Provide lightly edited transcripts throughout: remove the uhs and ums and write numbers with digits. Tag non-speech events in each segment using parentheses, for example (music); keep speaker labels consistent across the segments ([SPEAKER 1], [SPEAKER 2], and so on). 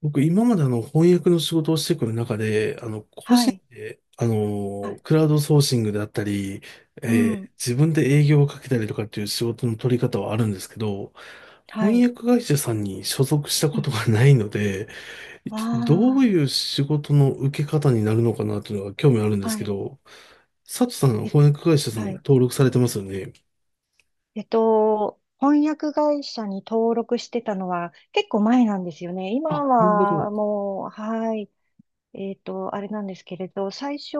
[SPEAKER 1] 僕、今まで翻訳の仕事をしてくる中で、個
[SPEAKER 2] は
[SPEAKER 1] 人
[SPEAKER 2] い。
[SPEAKER 1] で、
[SPEAKER 2] はい。
[SPEAKER 1] クラウドソーシングだったり、
[SPEAKER 2] うん。
[SPEAKER 1] 自分で営業をかけたりとかっていう仕事の取り方はあるんですけど、
[SPEAKER 2] は
[SPEAKER 1] 翻
[SPEAKER 2] い。
[SPEAKER 1] 訳会社さんに所属した
[SPEAKER 2] う
[SPEAKER 1] こ
[SPEAKER 2] ん。
[SPEAKER 1] とがないので、
[SPEAKER 2] わ
[SPEAKER 1] 一体どう
[SPEAKER 2] あ。
[SPEAKER 1] いう仕事の受け方になるのかなというのが興味あるんです
[SPEAKER 2] は
[SPEAKER 1] け
[SPEAKER 2] い。
[SPEAKER 1] ど、佐藤さん、
[SPEAKER 2] え、
[SPEAKER 1] 翻訳会社さん
[SPEAKER 2] はい。
[SPEAKER 1] 登録されてますよね。
[SPEAKER 2] 翻訳会社に登録してたのは結構前なんですよね。
[SPEAKER 1] あ、
[SPEAKER 2] 今
[SPEAKER 1] なるほ
[SPEAKER 2] は
[SPEAKER 1] ど。
[SPEAKER 2] もう、はい。あれなんですけれど、最初、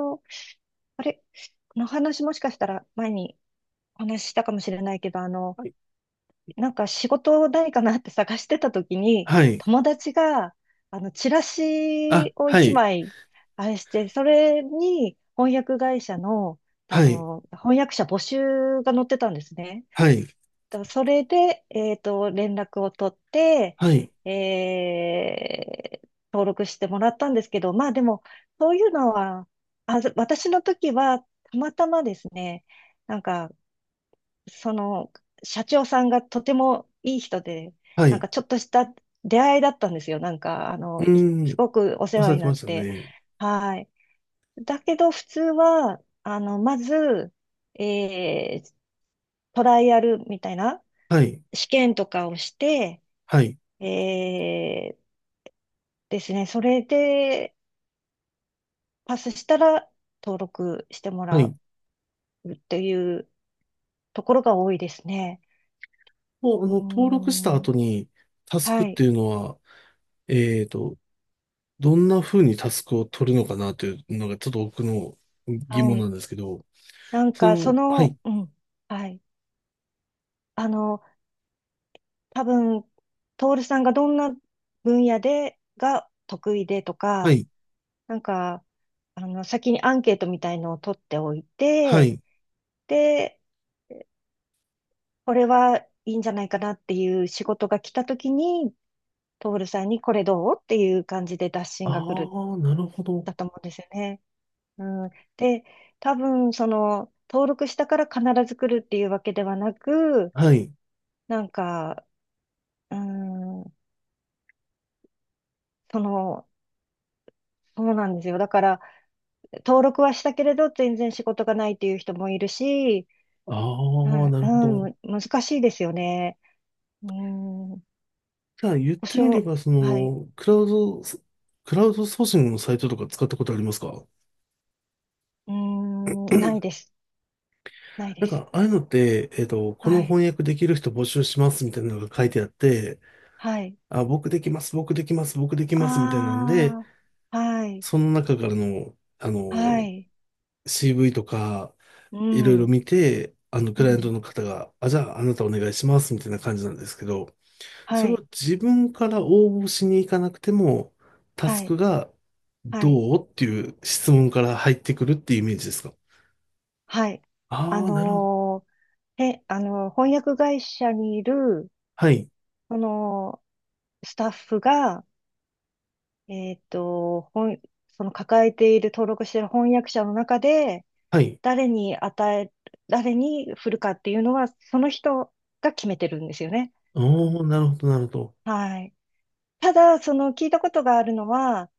[SPEAKER 2] あれ、この話もしかしたら前にお話ししたかもしれないけど、
[SPEAKER 1] はい。
[SPEAKER 2] なんか仕事ないかなって (laughs) 探してた時に、
[SPEAKER 1] はい。
[SPEAKER 2] 友達が、チラ
[SPEAKER 1] あ、
[SPEAKER 2] シを
[SPEAKER 1] は
[SPEAKER 2] 一
[SPEAKER 1] い。
[SPEAKER 2] 枚、あれして、それに翻訳会社の、
[SPEAKER 1] はい。
[SPEAKER 2] 翻訳者募集が載ってたんですね。
[SPEAKER 1] はい。
[SPEAKER 2] とそれで、連絡を取って、
[SPEAKER 1] はい。
[SPEAKER 2] えー登録してもらったんですけど、まあでも、そういうのは、あ、私の時は、たまたまですね、なんか、その、社長さんがとてもいい人で、
[SPEAKER 1] は
[SPEAKER 2] なん
[SPEAKER 1] い。
[SPEAKER 2] かちょっとした出会いだったんですよ。なんか、
[SPEAKER 1] うー
[SPEAKER 2] す
[SPEAKER 1] ん。
[SPEAKER 2] ごくお世
[SPEAKER 1] おっしゃ
[SPEAKER 2] 話
[SPEAKER 1] っ
[SPEAKER 2] に
[SPEAKER 1] て
[SPEAKER 2] なっ
[SPEAKER 1] ました
[SPEAKER 2] て。
[SPEAKER 1] ね。
[SPEAKER 2] はい。だけど、普通は、まず、えートライアルみたいな
[SPEAKER 1] はい。
[SPEAKER 2] 試験とかをして、
[SPEAKER 1] はい。
[SPEAKER 2] えーですね、それでパスしたら登録しても
[SPEAKER 1] は
[SPEAKER 2] ら
[SPEAKER 1] い。
[SPEAKER 2] うっていうところが多いですね。
[SPEAKER 1] もう、
[SPEAKER 2] うー
[SPEAKER 1] 登録した
[SPEAKER 2] ん、
[SPEAKER 1] 後に、タスク
[SPEAKER 2] は
[SPEAKER 1] って
[SPEAKER 2] い、
[SPEAKER 1] いうのは、えーと、どんな風にタスクを取るのかなというのが、ちょっと僕の疑
[SPEAKER 2] は
[SPEAKER 1] 問な
[SPEAKER 2] い。
[SPEAKER 1] んですけど、
[SPEAKER 2] なん
[SPEAKER 1] そ
[SPEAKER 2] か、そ
[SPEAKER 1] の、はい。
[SPEAKER 2] の、うん、はい。あの、多分、徹さんがどんな分野で、が得意でと
[SPEAKER 1] は
[SPEAKER 2] か、
[SPEAKER 1] い。
[SPEAKER 2] なんか、先にアンケートみたいのを取っておい
[SPEAKER 1] は
[SPEAKER 2] て、
[SPEAKER 1] い。
[SPEAKER 2] で、これはいいんじゃないかなっていう仕事が来た時に、徹さんにこれどうっていう感じで打診が来る、
[SPEAKER 1] ああ、なるほど。
[SPEAKER 2] だと思うんですよね。うん。で、多分、その、登録したから必ず来るっていうわけではなく、
[SPEAKER 1] はい。
[SPEAKER 2] なんか、うんその、そうなんですよ。だから、登録はしたけれど、全然仕事がないっていう人もいるし、
[SPEAKER 1] ああ、
[SPEAKER 2] はい、
[SPEAKER 1] なるほ
[SPEAKER 2] うん、
[SPEAKER 1] ど。
[SPEAKER 2] 難しいですよね。うん、保
[SPEAKER 1] じゃあ、言ってみれ
[SPEAKER 2] 証、
[SPEAKER 1] ば、そ
[SPEAKER 2] はい、
[SPEAKER 1] の、クラウドソーシングのサイトとか使ったことありますか？
[SPEAKER 2] うん、ないです。ないで
[SPEAKER 1] なん
[SPEAKER 2] す。
[SPEAKER 1] か、ああいうのって、こ
[SPEAKER 2] は
[SPEAKER 1] の
[SPEAKER 2] い、
[SPEAKER 1] 翻訳できる人募集しますみたいなのが書いてあって、
[SPEAKER 2] はい。
[SPEAKER 1] あ、僕できます、僕できます、僕できます、みたいなんで、
[SPEAKER 2] ああ、はい、
[SPEAKER 1] その中からの、
[SPEAKER 2] はい、
[SPEAKER 1] CV とか、
[SPEAKER 2] う
[SPEAKER 1] いろい
[SPEAKER 2] ん、
[SPEAKER 1] ろ
[SPEAKER 2] うん、
[SPEAKER 1] 見て、クライアントの方が、あ、じゃあ、あなたお願いします、みたいな感じなんですけど、
[SPEAKER 2] は
[SPEAKER 1] それを
[SPEAKER 2] い、
[SPEAKER 1] 自分から応募しに行かなくても、タス
[SPEAKER 2] はい、
[SPEAKER 1] クが、
[SPEAKER 2] はい、
[SPEAKER 1] どうっていう質問から入ってくるっていうイメージですか？
[SPEAKER 2] はい。あ
[SPEAKER 1] ああー、なるほど。
[SPEAKER 2] のー、えあのー、翻訳会社にいる、
[SPEAKER 1] はい、
[SPEAKER 2] その、スタッフが、えっと、本、その抱えている、登録している翻訳者の中で、
[SPEAKER 1] はい。
[SPEAKER 2] 誰に与え、誰に振るかっていうのは、その人が決めてるんですよね。う
[SPEAKER 1] お
[SPEAKER 2] ん、
[SPEAKER 1] ー、なるほど、なるほど。
[SPEAKER 2] はい。ただ、その聞いたことがあるのは、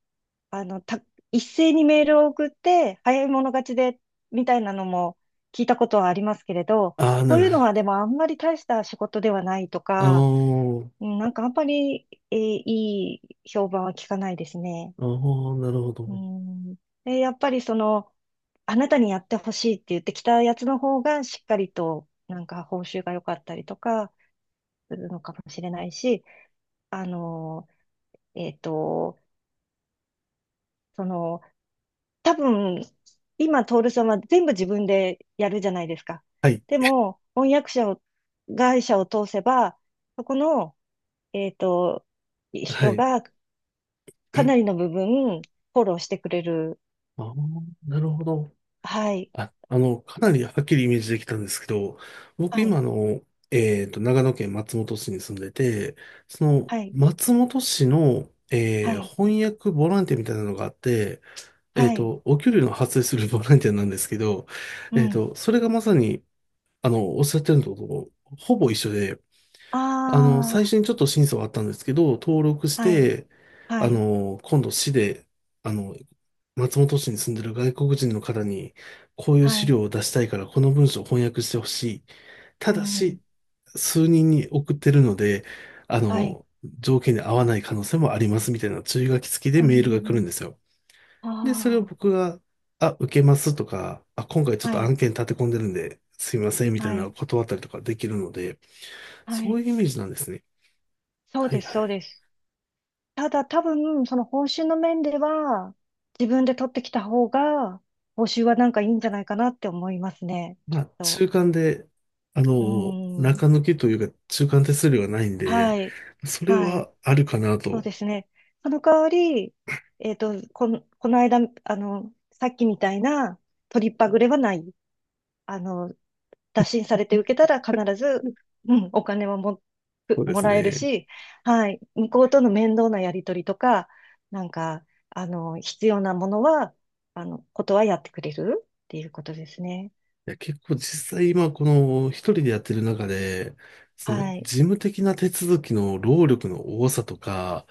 [SPEAKER 2] あの、た、一斉にメールを送って、早い者勝ちで、みたいなのも聞いたことはありますけれど、
[SPEAKER 1] ああ、な
[SPEAKER 2] そう
[SPEAKER 1] る
[SPEAKER 2] いう
[SPEAKER 1] ほ
[SPEAKER 2] の
[SPEAKER 1] ど。
[SPEAKER 2] はでもあんまり大した仕事ではないと
[SPEAKER 1] あ
[SPEAKER 2] か、
[SPEAKER 1] ー
[SPEAKER 2] うんなんかあんまり、いい評判は聞かないですね。
[SPEAKER 1] あー、なるほ
[SPEAKER 2] う
[SPEAKER 1] ど。
[SPEAKER 2] ん。え、やっぱりその、あなたにやってほしいって言ってきたやつの方がしっかりとなんか報酬が良かったりとかするのかもしれないし、あの、えっと、その、多分、今、徹さんは全部自分でやるじゃないですか。
[SPEAKER 1] はい、
[SPEAKER 2] でも、翻訳者を、会社を通せば、そこの、えっと、
[SPEAKER 1] は
[SPEAKER 2] 人
[SPEAKER 1] い。
[SPEAKER 2] がかなりの部分、フォローしてくれる。
[SPEAKER 1] ああ、なるほど。
[SPEAKER 2] はい、
[SPEAKER 1] あ、かなりはっきりイメージできたんですけど、僕
[SPEAKER 2] は
[SPEAKER 1] 今
[SPEAKER 2] い、
[SPEAKER 1] 長野県松本市に住んでて、その、
[SPEAKER 2] はい、
[SPEAKER 1] 松本市の、
[SPEAKER 2] はい、
[SPEAKER 1] 翻訳ボランティアみたいなのがあって、
[SPEAKER 2] はい。
[SPEAKER 1] お給料の発生する (laughs) ボランティアなんですけど、
[SPEAKER 2] うん。
[SPEAKER 1] それがまさに、おっしゃってるのとほぼ一緒で、最
[SPEAKER 2] あ
[SPEAKER 1] 初にちょっと審査はあったんですけど、登録し
[SPEAKER 2] あ、はい、
[SPEAKER 1] て、
[SPEAKER 2] はい、
[SPEAKER 1] 今度市で、あの、松本市に住んでる外国人の方に、こういう
[SPEAKER 2] は
[SPEAKER 1] 資
[SPEAKER 2] い、
[SPEAKER 1] 料を出したいから、この文章を翻訳してほしい。た
[SPEAKER 2] う
[SPEAKER 1] だし、
[SPEAKER 2] ん、
[SPEAKER 1] 数人に送ってるので、あ
[SPEAKER 2] はい、
[SPEAKER 1] の、条件に合わない可能性もありますみたいな注意書き付きで
[SPEAKER 2] う
[SPEAKER 1] メールが来るん
[SPEAKER 2] ん、
[SPEAKER 1] ですよ。で、それを
[SPEAKER 2] あ
[SPEAKER 1] 僕が、あ、受けますとか、あ、今回ちょ
[SPEAKER 2] あ、
[SPEAKER 1] っと
[SPEAKER 2] はい、
[SPEAKER 1] 案件立て込んでるんで、すいませんみたい
[SPEAKER 2] は
[SPEAKER 1] なのを
[SPEAKER 2] い、
[SPEAKER 1] 断ったりとかできるので、
[SPEAKER 2] は
[SPEAKER 1] そう
[SPEAKER 2] い。
[SPEAKER 1] いうイメージなんですね。
[SPEAKER 2] そう
[SPEAKER 1] はい
[SPEAKER 2] です、
[SPEAKER 1] は
[SPEAKER 2] そう
[SPEAKER 1] い。
[SPEAKER 2] です。ただ多分、その報酬の面では、自分で取ってきた方が、報酬はなんかいいんじゃないかなって思いますね、きっ
[SPEAKER 1] まあ、
[SPEAKER 2] と。
[SPEAKER 1] 中間で、
[SPEAKER 2] うん、
[SPEAKER 1] 中抜きというか、中間手数料がないんで、
[SPEAKER 2] はい、
[SPEAKER 1] それ
[SPEAKER 2] はい、
[SPEAKER 1] はあるかな
[SPEAKER 2] そう
[SPEAKER 1] と。
[SPEAKER 2] ですね。その代わり、この間、さっきみたいな、取りっぱぐれはない。あの、打診されて受けたら必ず、うん、お金はも、
[SPEAKER 1] そうで
[SPEAKER 2] も
[SPEAKER 1] す
[SPEAKER 2] らえる
[SPEAKER 1] ね。い
[SPEAKER 2] し、はい、向こうとの面倒なやり取りとか、なんか、必要なものは、あの、ことはやってくれるっていうことですね。
[SPEAKER 1] や、結構実際今、この、一人でやってる中で、その、
[SPEAKER 2] はい。
[SPEAKER 1] 事務的な手続きの労力の多さとか、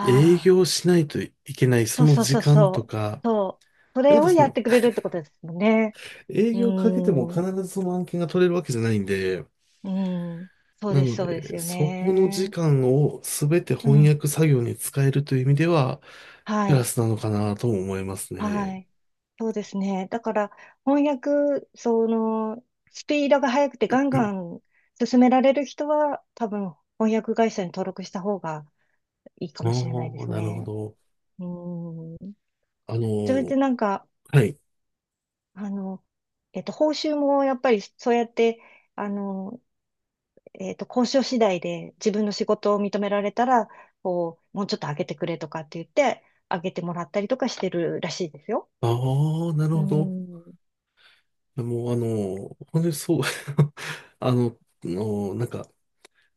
[SPEAKER 1] 営業しないといけないそ
[SPEAKER 2] あ、
[SPEAKER 1] の
[SPEAKER 2] そう
[SPEAKER 1] 時
[SPEAKER 2] そう
[SPEAKER 1] 間
[SPEAKER 2] そう
[SPEAKER 1] と
[SPEAKER 2] そ
[SPEAKER 1] か、
[SPEAKER 2] う。そう。そ
[SPEAKER 1] で、ま
[SPEAKER 2] れ
[SPEAKER 1] た
[SPEAKER 2] を
[SPEAKER 1] そ
[SPEAKER 2] やっ
[SPEAKER 1] の、
[SPEAKER 2] てくれるってことですもんね。
[SPEAKER 1] 営
[SPEAKER 2] う
[SPEAKER 1] 業かけても
[SPEAKER 2] ー
[SPEAKER 1] 必
[SPEAKER 2] ん。
[SPEAKER 1] ずその案件が取れるわけじゃないんで、
[SPEAKER 2] うん。そう
[SPEAKER 1] な
[SPEAKER 2] です、
[SPEAKER 1] の
[SPEAKER 2] そうです
[SPEAKER 1] で、
[SPEAKER 2] よ
[SPEAKER 1] そこの時
[SPEAKER 2] ね。
[SPEAKER 1] 間を全て
[SPEAKER 2] う
[SPEAKER 1] 翻
[SPEAKER 2] ん。
[SPEAKER 1] 訳作業に使えるという意味では、ク
[SPEAKER 2] は
[SPEAKER 1] ラ
[SPEAKER 2] い。
[SPEAKER 1] スなのかなとも思います
[SPEAKER 2] は
[SPEAKER 1] ね。
[SPEAKER 2] い。そうですね。だから、翻訳、その、スピードが速くてガンガン進められる人は、多分、翻訳会社に登録した方がいいか
[SPEAKER 1] あ
[SPEAKER 2] もしれないで
[SPEAKER 1] あ、
[SPEAKER 2] す
[SPEAKER 1] なるほ
[SPEAKER 2] ね。
[SPEAKER 1] ど。
[SPEAKER 2] うん。
[SPEAKER 1] あ
[SPEAKER 2] それ
[SPEAKER 1] の、
[SPEAKER 2] でなんか、
[SPEAKER 1] はい。
[SPEAKER 2] あの、報酬もやっぱりそうやって、あの、交渉次第で自分の仕事を認められたら、こう、もうちょっと上げてくれとかって言って、上げてもらったりとかしてるらしいですよ。
[SPEAKER 1] ああ、なる
[SPEAKER 2] う
[SPEAKER 1] ほど。
[SPEAKER 2] ん。
[SPEAKER 1] もう、本当にそう、(laughs) あの、なんか、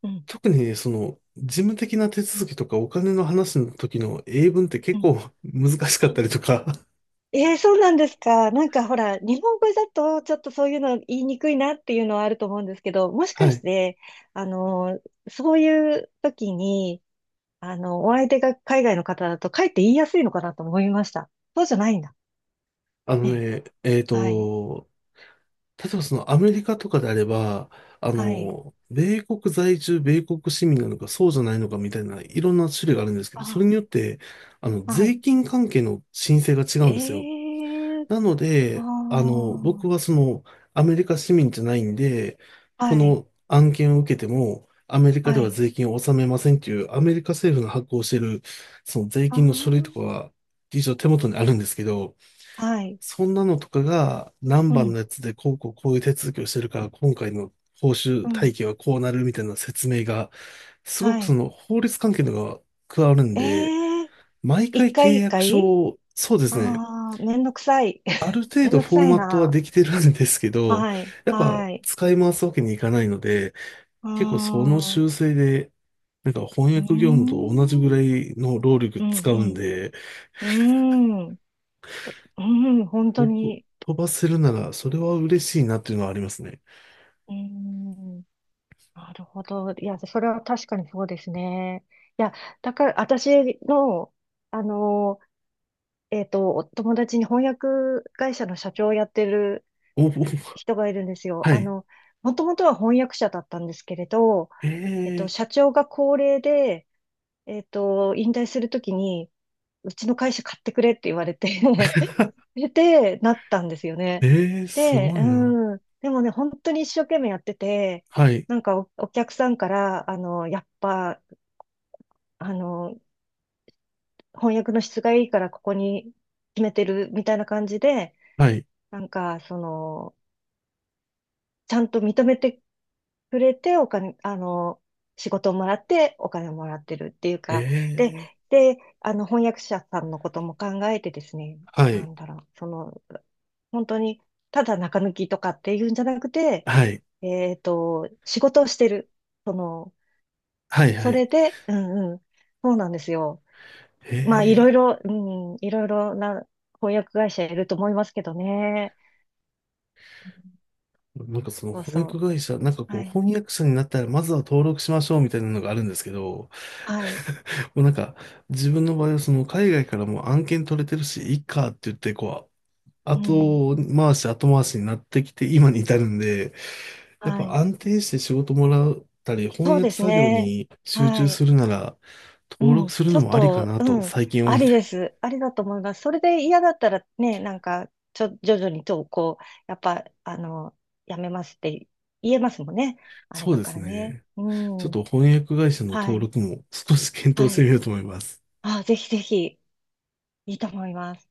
[SPEAKER 2] うん。
[SPEAKER 1] 特にその、事務的な手続きとかお金の話の時の英文って
[SPEAKER 2] う
[SPEAKER 1] 結
[SPEAKER 2] ん
[SPEAKER 1] 構 (laughs) 難しかったりとか、
[SPEAKER 2] ええそうなんですか。なんかほら、日本語だとちょっとそういうの言いにくいなっていうのはあると思うんですけど、も
[SPEAKER 1] (laughs)
[SPEAKER 2] し
[SPEAKER 1] は
[SPEAKER 2] かし
[SPEAKER 1] い。
[SPEAKER 2] て、あのそういう時に、お相手が海外の方だと、かえって言いやすいのかなと思いました。そうじゃないんだ。
[SPEAKER 1] あの
[SPEAKER 2] ね。
[SPEAKER 1] ね、
[SPEAKER 2] はい。
[SPEAKER 1] 例えばそのアメリカとかであれば、
[SPEAKER 2] はい。
[SPEAKER 1] 米国在住、米国市民なのか、そうじゃないのかみたいな、いろんな種類があるんですけど、それ
[SPEAKER 2] あ
[SPEAKER 1] によって、
[SPEAKER 2] ー、は
[SPEAKER 1] 税
[SPEAKER 2] い。
[SPEAKER 1] 金関係の申請が違うんですよ。
[SPEAKER 2] えー、
[SPEAKER 1] なの
[SPEAKER 2] あ
[SPEAKER 1] で、僕
[SPEAKER 2] ー、
[SPEAKER 1] はその、アメリカ市民じゃないんで、
[SPEAKER 2] は
[SPEAKER 1] こ
[SPEAKER 2] い。
[SPEAKER 1] の案件を受けても、アメリカで
[SPEAKER 2] は
[SPEAKER 1] は
[SPEAKER 2] い。
[SPEAKER 1] 税金を納めませんっていう、アメリカ政府の発行している、その税
[SPEAKER 2] あ
[SPEAKER 1] 金の書類と
[SPEAKER 2] ー、
[SPEAKER 1] かは、一応手元にあるんですけど、
[SPEAKER 2] はい。
[SPEAKER 1] そんなのとかが何
[SPEAKER 2] う
[SPEAKER 1] 番の
[SPEAKER 2] ん。
[SPEAKER 1] やつでこうこうこういう手続きをしてるから今回の報酬
[SPEAKER 2] う
[SPEAKER 1] 体
[SPEAKER 2] ん。
[SPEAKER 1] 系はこうなるみたいな説明が、すご
[SPEAKER 2] は
[SPEAKER 1] くそ
[SPEAKER 2] い。
[SPEAKER 1] の法律関係のが加わるん
[SPEAKER 2] え
[SPEAKER 1] で、
[SPEAKER 2] ー、
[SPEAKER 1] 毎
[SPEAKER 2] 一
[SPEAKER 1] 回契
[SPEAKER 2] 回一
[SPEAKER 1] 約書
[SPEAKER 2] 回
[SPEAKER 1] を、そうですね、
[SPEAKER 2] ああー、めんどくさい。
[SPEAKER 1] ある程
[SPEAKER 2] めん
[SPEAKER 1] 度
[SPEAKER 2] どく
[SPEAKER 1] フォー
[SPEAKER 2] さい
[SPEAKER 1] マットはで
[SPEAKER 2] な。
[SPEAKER 1] きてるんですけど、
[SPEAKER 2] はい、
[SPEAKER 1] やっぱ
[SPEAKER 2] はい。
[SPEAKER 1] 使い回すわけにいかないので、
[SPEAKER 2] うー
[SPEAKER 1] 結構その
[SPEAKER 2] ん、う
[SPEAKER 1] 修正でなんか翻
[SPEAKER 2] ー
[SPEAKER 1] 訳業務と同じぐ
[SPEAKER 2] ん、う
[SPEAKER 1] ら
[SPEAKER 2] ん、
[SPEAKER 1] いの労力
[SPEAKER 2] う
[SPEAKER 1] 使うん
[SPEAKER 2] ん、
[SPEAKER 1] で、
[SPEAKER 2] うーん、うーん、本当
[SPEAKER 1] 僕
[SPEAKER 2] に。
[SPEAKER 1] 飛ばせるならそれは嬉しいなっていうのはありますね。
[SPEAKER 2] うーん、なるほど。いや、それは確かにそうですね。いや、だから、私の、あの、お友達に翻訳会社の社長をやってる
[SPEAKER 1] おお、
[SPEAKER 2] 人がいるんですよ。
[SPEAKER 1] はい。
[SPEAKER 2] もともとは翻訳者だったんですけれど、
[SPEAKER 1] ええ
[SPEAKER 2] 社長が高齢で、引退するときに、うちの会社買ってくれって言われて (laughs) で、なったんですよね。
[SPEAKER 1] ええ、す
[SPEAKER 2] で、
[SPEAKER 1] ごいな。
[SPEAKER 2] うん。でもね、本当に一生懸命やってて、
[SPEAKER 1] はい。
[SPEAKER 2] なんかお客さんから、やっぱ、あの、翻訳の質がいいからここに決めてるみたいな感じで、
[SPEAKER 1] はい。
[SPEAKER 2] なんか、その、ちゃんと認めてくれて、お金、あの、仕事をもらってお金をもらってるっていうか、で、
[SPEAKER 1] ええ、
[SPEAKER 2] で、翻訳者さんのことも考えてですね、
[SPEAKER 1] は
[SPEAKER 2] な
[SPEAKER 1] い。
[SPEAKER 2] んだろう、その、本当に、ただ中抜きとかっていうんじゃなくて、
[SPEAKER 1] はい。
[SPEAKER 2] 仕事をしてる。その、
[SPEAKER 1] はい。は
[SPEAKER 2] そ
[SPEAKER 1] い。
[SPEAKER 2] れで、うんうん、そうなんですよ。まあ、
[SPEAKER 1] ええ、
[SPEAKER 2] いろいろな翻訳会社いると思いますけどね。
[SPEAKER 1] なんかその
[SPEAKER 2] そう
[SPEAKER 1] 翻
[SPEAKER 2] そ
[SPEAKER 1] 訳会社、なんか
[SPEAKER 2] う。
[SPEAKER 1] こ
[SPEAKER 2] は
[SPEAKER 1] う
[SPEAKER 2] い。
[SPEAKER 1] 翻訳者になったらまずは登録しましょうみたいなのがあるんですけど、
[SPEAKER 2] はい。
[SPEAKER 1] (laughs) もうなんか自分の場合はその海外からも案件取れてるし、いいかって言ってこう、
[SPEAKER 2] うん。
[SPEAKER 1] 後回し後回しになってきて今に至るんで、やっ
[SPEAKER 2] は
[SPEAKER 1] ぱ
[SPEAKER 2] い。
[SPEAKER 1] 安定して仕事もらったり翻
[SPEAKER 2] そうで
[SPEAKER 1] 訳
[SPEAKER 2] す
[SPEAKER 1] 作業
[SPEAKER 2] ね。
[SPEAKER 1] に集中
[SPEAKER 2] は
[SPEAKER 1] す
[SPEAKER 2] い。
[SPEAKER 1] るなら、
[SPEAKER 2] う
[SPEAKER 1] 登録
[SPEAKER 2] ん、
[SPEAKER 1] する
[SPEAKER 2] ちょ
[SPEAKER 1] の
[SPEAKER 2] っ
[SPEAKER 1] もありか
[SPEAKER 2] と、
[SPEAKER 1] な
[SPEAKER 2] う
[SPEAKER 1] と
[SPEAKER 2] ん、
[SPEAKER 1] 最近
[SPEAKER 2] あ
[SPEAKER 1] 思って。
[SPEAKER 2] りです。ありだと思います。それで嫌だったらね、なんか、徐々にと、こう、やっぱ、やめますって言えますもんね。あれ
[SPEAKER 1] そう
[SPEAKER 2] だ
[SPEAKER 1] で
[SPEAKER 2] か
[SPEAKER 1] す
[SPEAKER 2] らね。
[SPEAKER 1] ね。
[SPEAKER 2] う
[SPEAKER 1] ちょっ
[SPEAKER 2] ん。
[SPEAKER 1] と翻訳会社の
[SPEAKER 2] は
[SPEAKER 1] 登
[SPEAKER 2] い。
[SPEAKER 1] 録も少し検討
[SPEAKER 2] は
[SPEAKER 1] してみ
[SPEAKER 2] い。
[SPEAKER 1] ようと思います。
[SPEAKER 2] あ、ぜひぜひ、いいと思います。